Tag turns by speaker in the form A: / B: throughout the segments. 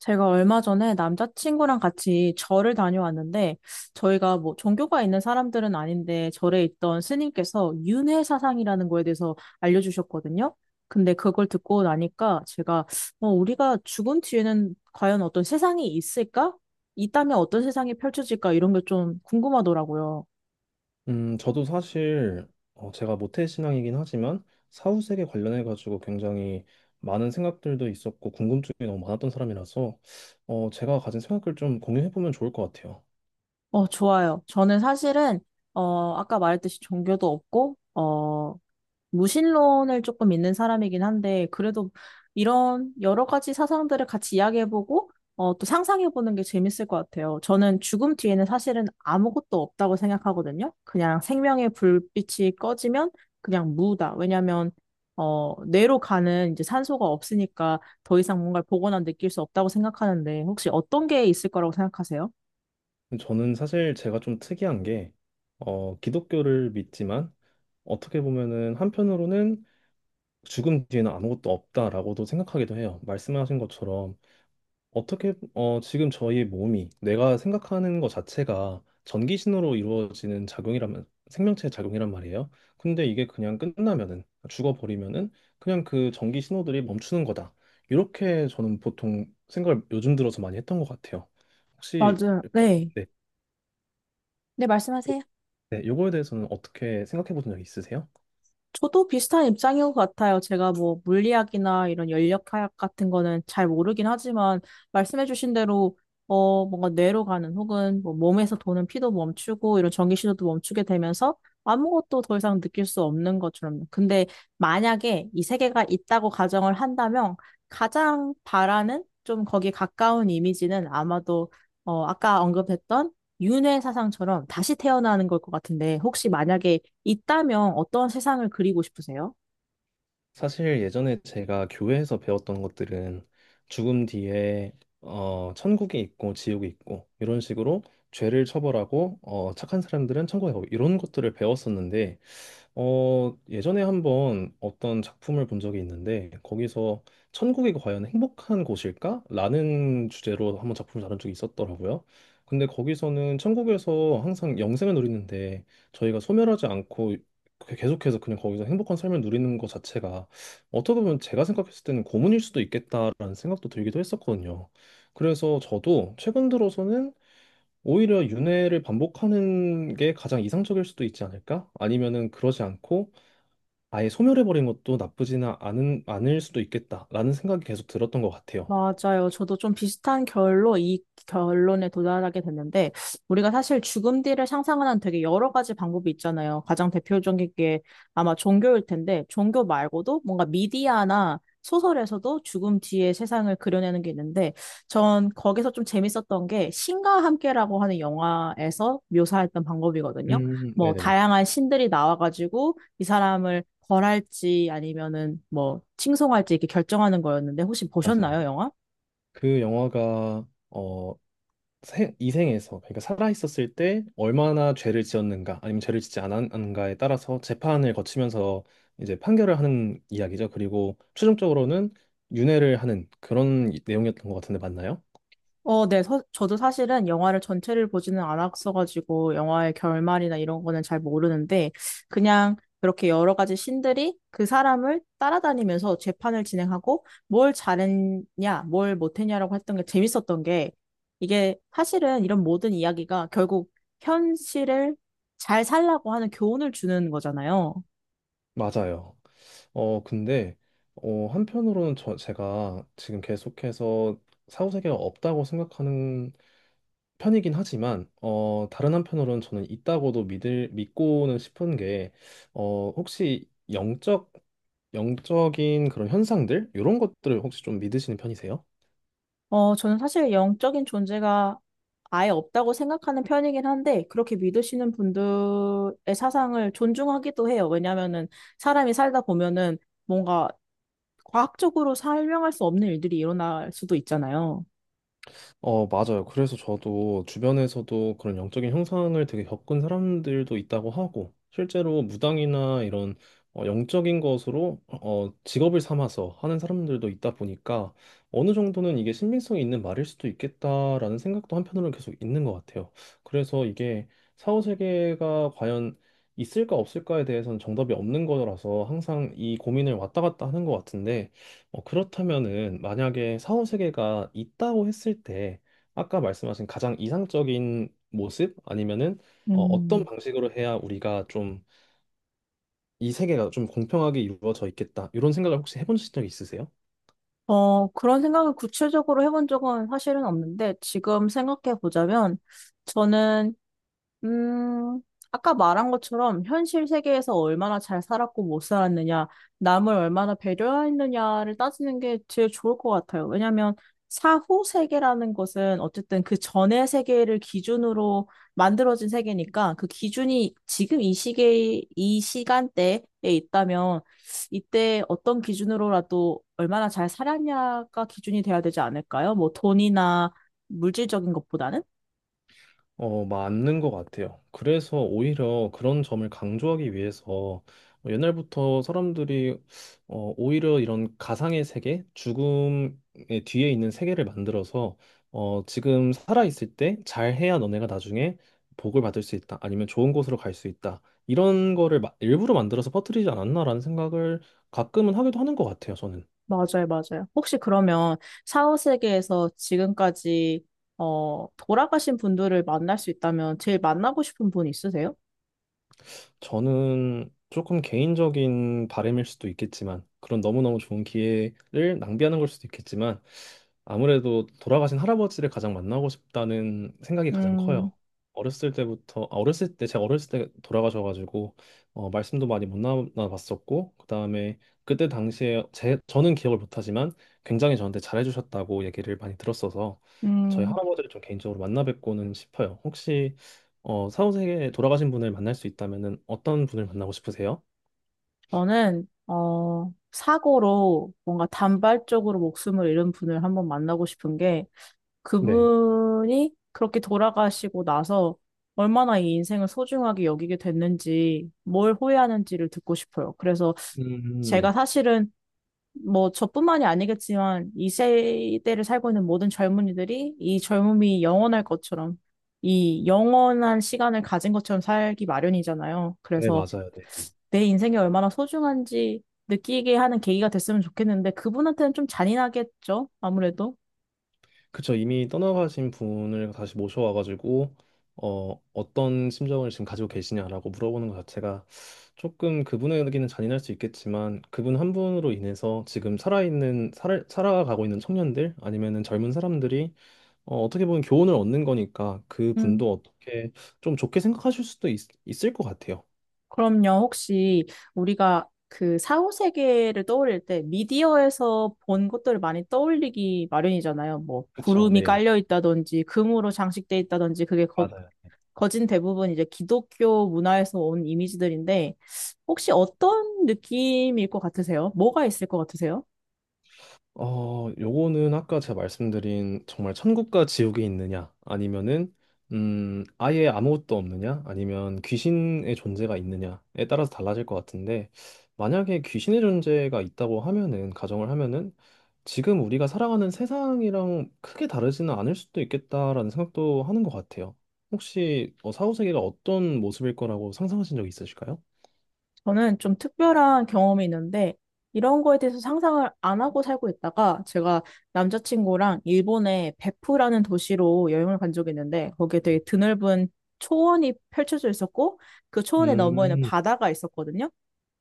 A: 제가 얼마 전에 남자친구랑 같이 절을 다녀왔는데, 저희가 뭐 종교가 있는 사람들은 아닌데, 절에 있던 스님께서 윤회 사상이라는 거에 대해서 알려주셨거든요. 근데 그걸 듣고 나니까 제가, 우리가 죽은 뒤에는 과연 어떤 세상이 있을까? 있다면 어떤 세상이 펼쳐질까? 이런 게 좀 궁금하더라고요.
B: 저도 사실 제가 모태신앙이긴 하지만 사후세계 관련해 가지고 굉장히 많은 생각들도 있었고 궁금증이 너무 많았던 사람이라서 제가 가진 생각을 좀 공유해 보면 좋을 것 같아요.
A: 어, 좋아요. 저는 사실은, 아까 말했듯이 종교도 없고, 무신론을 조금 믿는 사람이긴 한데, 그래도 이런 여러 가지 사상들을 같이 이야기해보고, 또 상상해보는 게 재밌을 것 같아요. 저는 죽음 뒤에는 사실은 아무것도 없다고 생각하거든요. 그냥 생명의 불빛이 꺼지면 그냥 무다. 왜냐면, 뇌로 가는 이제 산소가 없으니까 더 이상 뭔가를 보거나 느낄 수 없다고 생각하는데, 혹시 어떤 게 있을 거라고 생각하세요?
B: 저는 사실 제가 좀 특이한 게 기독교를 믿지만 어떻게 보면은 한편으로는 죽음 뒤에는 아무것도 없다라고도 생각하기도 해요. 말씀하신 것처럼 어떻게, 지금 저희 몸이 내가 생각하는 것 자체가 전기 신호로 이루어지는 작용이라면, 생명체의 작용이란 말이에요. 근데 이게 그냥 끝나면은, 죽어버리면은, 그냥 그 전기 신호들이 멈추는 거다. 이렇게 저는 보통 생각을 요즘 들어서 많이 했던 것 같아요. 혹시,
A: 맞아요. 네.
B: 네,
A: 네, 말씀하세요.
B: 네, 요거에 대해서는 어떻게 생각해 보신 적 있으세요?
A: 저도 비슷한 입장인 것 같아요. 제가 뭐 물리학이나 이런 연력학 같은 거는 잘 모르긴 하지만 말씀해주신 대로 뭔가 뇌로 가는 혹은 뭐 몸에서 도는 피도 멈추고 이런 전기 신호도 멈추게 되면서 아무것도 더 이상 느낄 수 없는 것처럼. 근데 만약에 이 세계가 있다고 가정을 한다면 가장 바라는 좀 거기에 가까운 이미지는 아마도 아까 언급했던 윤회 사상처럼 다시 태어나는 걸 것 같은데, 혹시 만약에 있다면 어떤 세상을 그리고 싶으세요?
B: 사실 예전에 제가 교회에서 배웠던 것들은 죽음 뒤에 천국이 있고 지옥이 있고 이런 식으로 죄를 처벌하고 착한 사람들은 천국에 가고 이런 것들을 배웠었는데 예전에 한번 어떤 작품을 본 적이 있는데 거기서 천국이 과연 행복한 곳일까? 라는 주제로 한번 작품을 다룬 적이 있었더라고요. 근데 거기서는 천국에서 항상 영생을 누리는데 저희가 소멸하지 않고 계속해서 그냥 거기서 행복한 삶을 누리는 것 자체가 어떻게 보면 제가 생각했을 때는 고문일 수도 있겠다라는 생각도 들기도 했었거든요. 그래서 저도 최근 들어서는 오히려 윤회를 반복하는 게 가장 이상적일 수도 있지 않을까? 아니면은 그러지 않고 아예 소멸해버린 것도 나쁘지는 않은, 않을 수도 있겠다라는 생각이 계속 들었던 것 같아요.
A: 맞아요. 저도 좀 비슷한 결로 이 결론에 도달하게 됐는데, 우리가 사실 죽음 뒤를 상상하는 되게 여러 가지 방법이 있잖아요. 가장 대표적인 게 아마 종교일 텐데, 종교 말고도 뭔가 미디어나 소설에서도 죽음 뒤의 세상을 그려내는 게 있는데, 전 거기서 좀 재밌었던 게 신과 함께라고 하는 영화에서 묘사했던 방법이거든요. 뭐
B: 네네네.
A: 다양한 신들이 나와가지고 이 사람을 벌할지 아니면은 뭐 칭송할지 이렇게 결정하는 거였는데 혹시
B: 맞아요.
A: 보셨나요,
B: 네.
A: 영화?
B: 그 영화가 이생에서 그러니까 살아있었을 때 얼마나 죄를 지었는가 아니면 죄를 짓지 않았는가에 따라서 재판을 거치면서 이제 판결을 하는 이야기죠. 그리고 최종적으로는 윤회를 하는 그런 내용이었던 것 같은데 맞나요?
A: 어, 네. 저도 사실은 영화를 전체를 보지는 않았어가지고 영화의 결말이나 이런 거는 잘 모르는데 그냥 그렇게 여러 가지 신들이 그 사람을 따라다니면서 재판을 진행하고 뭘 잘했냐, 뭘 못했냐라고 했던 게 재밌었던 게 이게 사실은 이런 모든 이야기가 결국 현실을 잘 살라고 하는 교훈을 주는 거잖아요.
B: 맞아요. 근데, 한편으로는 제가 지금 계속해서 사후세계가 없다고 생각하는 편이긴 하지만, 다른 한편으로는 저는 있다고도 믿고는 싶은 게, 혹시 영적인 그런 현상들? 이런 것들을 혹시 좀 믿으시는 편이세요?
A: 어, 저는 사실 영적인 존재가 아예 없다고 생각하는 편이긴 한데, 그렇게 믿으시는 분들의 사상을 존중하기도 해요. 왜냐면은 사람이 살다 보면은 뭔가 과학적으로 설명할 수 없는 일들이 일어날 수도 있잖아요.
B: 맞아요. 그래서 저도 주변에서도 그런 영적인 형상을 되게 겪은 사람들도 있다고 하고, 실제로 무당이나 이런 영적인 것으로 직업을 삼아서 하는 사람들도 있다 보니까 어느 정도는 이게 신빙성이 있는 말일 수도 있겠다라는 생각도 한편으로는 계속 있는 것 같아요. 그래서 이게 사후세계가 과연 있을까 없을까에 대해서는 정답이 없는 거라서 항상 이 고민을 왔다 갔다 하는 것 같은데, 그렇다면은 만약에 사후 세계가 있다고 했을 때 아까 말씀하신 가장 이상적인 모습 아니면은 어떤
A: 음,
B: 방식으로 해야 우리가 좀 이 세계가 좀 공평하게 이루어져 있겠다 이런 생각을 혹시 해본 적이 있으세요?
A: 어, 그런 생각을 구체적으로 해본 적은 사실은 없는데, 지금 생각해 보자면, 저는 음, 아까 말한 것처럼 현실 세계에서 얼마나 잘 살았고 못 살았느냐, 남을 얼마나 배려했느냐를 따지는 게 제일 좋을 것 같아요. 왜냐하면 사후 세계라는 것은 어쨌든 그 전의 세계를 기준으로 만들어진 세계니까 그 기준이 지금 이 시계, 이 시간대에 있다면 이때 어떤 기준으로라도 얼마나 잘 살았냐가 기준이 돼야 되지 않을까요? 뭐 돈이나 물질적인 것보다는?
B: 맞는 것 같아요. 그래서 오히려 그런 점을 강조하기 위해서 뭐 옛날부터 사람들이 오히려 이런 가상의 세계, 죽음의 뒤에 있는 세계를 만들어서 지금 살아있을 때 잘해야 너네가 나중에 복을 받을 수 있다. 아니면 좋은 곳으로 갈 수 있다. 이런 거를 일부러 만들어서 퍼뜨리지 않았나라는 생각을 가끔은 하기도 하는 것 같아요, 저는.
A: 맞아요, 맞아요. 혹시 그러면 사후세계에서 지금까지 돌아가신 분들을 만날 수 있다면 제일 만나고 싶은 분 있으세요?
B: 저는 조금 개인적인 바람일 수도 있겠지만, 그런 너무너무 좋은 기회를 낭비하는 걸 수도 있겠지만, 아무래도 돌아가신 할아버지를 가장 만나고 싶다는 생각이 가장
A: 음,
B: 커요. 어렸을 때, 제가 어렸을 때 돌아가셔가지고, 말씀도 많이 못 나눠봤었고, 그 다음에 그때 당시에, 저는 기억을 못하지만, 굉장히 저한테 잘해주셨다고 얘기를 많이 들었어서, 저희
A: 음,
B: 할아버지를 좀 개인적으로 만나 뵙고는 싶어요. 혹시 사후세계에 돌아가신 분을 만날 수 있다면은 어떤 분을 만나고 싶으세요?
A: 저는 사고로 뭔가 단발적으로 목숨을 잃은 분을 한번 만나고 싶은 게
B: 네.
A: 그분이 그렇게 돌아가시고 나서 얼마나 이 인생을 소중하게 여기게 됐는지 뭘 후회하는지를 듣고 싶어요. 그래서 제가
B: 네.
A: 사실은 뭐 저뿐만이 아니겠지만 이 세대를 살고 있는 모든 젊은이들이 이 젊음이 영원할 것처럼 이 영원한 시간을 가진 것처럼 살기 마련이잖아요.
B: 네,
A: 그래서
B: 맞아요. 네.
A: 내 인생이 얼마나 소중한지 느끼게 하는 계기가 됐으면 좋겠는데 그분한테는 좀 잔인하겠죠? 아무래도.
B: 그쵸. 이미 떠나가신 분을 다시 모셔와가지고, 어떤 심정을 지금 가지고 계시냐라고 물어보는 것 자체가 조금 그분에게는 잔인할 수 있겠지만, 그분 한 분으로 인해서 지금 살아가고 있는 청년들, 아니면은 젊은 사람들이, 어떻게 보면 교훈을 얻는 거니까,
A: 음.
B: 그분도 어떻게 좀 좋게 있을 것 같아요.
A: 그럼요. 혹시 우리가 그 사후 세계를 떠올릴 때 미디어에서 본 것들을 많이 떠올리기 마련이잖아요. 뭐
B: 그쵸.
A: 구름이
B: 네.
A: 깔려 있다든지 금으로 장식돼 있다든지 그게 거
B: 맞아요.
A: 거진 대부분 이제 기독교 문화에서 온 이미지들인데, 혹시 어떤 느낌일 것 같으세요? 뭐가 있을 것 같으세요?
B: 요거는 아까 제가 말씀드린 정말 천국과 지옥이 있느냐, 아니면은 아예 아무것도 없느냐, 아니면 귀신의 존재가 있느냐에 따라서 달라질 것 같은데 만약에 귀신의 존재가 있다고 하면은 가정을 하면은 지금 우리가 살아가는 세상이랑 크게 다르지는 않을 수도 있겠다라는 생각도 하는 것 같아요. 혹시 사후 세계가 어떤 모습일 거라고 상상하신 적 있으실까요?
A: 저는 좀 특별한 경험이 있는데, 이런 거에 대해서 상상을 안 하고 살고 있다가, 제가 남자친구랑 일본의 베프라는 도시로 여행을 간 적이 있는데, 거기에 되게
B: 네.
A: 드넓은 초원이 펼쳐져 있었고, 그 초원의 너머에는
B: 음,
A: 바다가 있었거든요.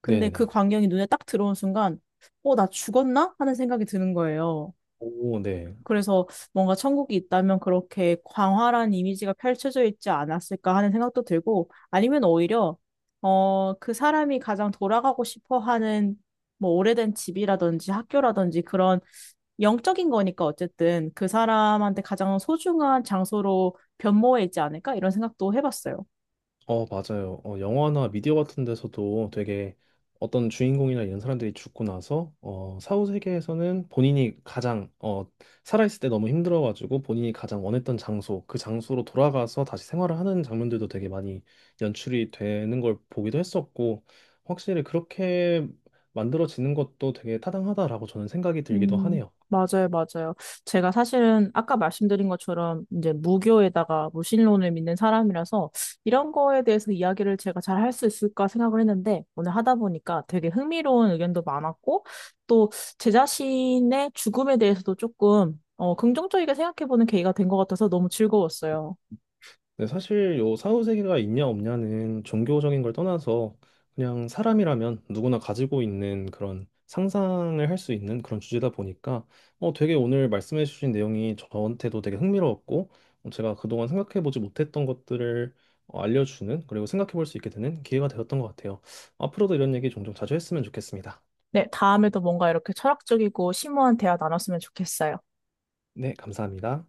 A: 근데 그
B: 네네네.
A: 광경이 눈에 딱 들어온 순간, 어, 나 죽었나? 하는 생각이 드는 거예요.
B: 오, 네.
A: 그래서 뭔가 천국이 있다면 그렇게 광활한 이미지가 펼쳐져 있지 않았을까 하는 생각도 들고, 아니면 오히려, 그 사람이 가장 돌아가고 싶어 하는 뭐 오래된 집이라든지 학교라든지 그런 영적인 거니까 어쨌든 그 사람한테 가장 소중한 장소로 변모해 있지 않을까? 이런 생각도 해봤어요.
B: 맞아요. 영화나 미디어 같은 데서도 되게 어떤 주인공이나 이런 사람들이 죽고 나서 사후 세계에서는 본인이 가장 살아있을 때 너무 힘들어가지고 본인이 가장 원했던 장소, 그 장소로 돌아가서 다시 생활을 하는 장면들도 되게 많이 연출이 되는 걸 보기도 했었고 확실히 그렇게 만들어지는 것도 되게 타당하다라고 저는 생각이 들기도
A: 음,
B: 하네요.
A: 맞아요, 맞아요. 제가 사실은 아까 말씀드린 것처럼 이제 무교에다가 무신론을 믿는 사람이라서 이런 거에 대해서 이야기를 제가 잘 할 수 있을까 생각을 했는데 오늘 하다 보니까 되게 흥미로운 의견도 많았고 또 제 자신의 죽음에 대해서도 조금 긍정적이게 생각해보는 계기가 된 것 같아서 너무 즐거웠어요.
B: 네, 사실 요 사후세계가 있냐 없냐는 종교적인 걸 떠나서 그냥 사람이라면 누구나 가지고 있는 그런 상상을 할 수 있는 그런 주제다 보니까 되게 오늘 말씀해 주신 내용이 저한테도 되게 흥미로웠고 제가 그동안 생각해 보지 못했던 것들을 알려주는 그리고 생각해 볼 수 있게 되는 기회가 되었던 것 같아요. 앞으로도 이런 얘기 종종 자주 했으면 좋겠습니다.
A: 네, 다음에도 뭔가 이렇게 철학적이고 심오한 대화 나눴으면 좋겠어요.
B: 네, 감사합니다.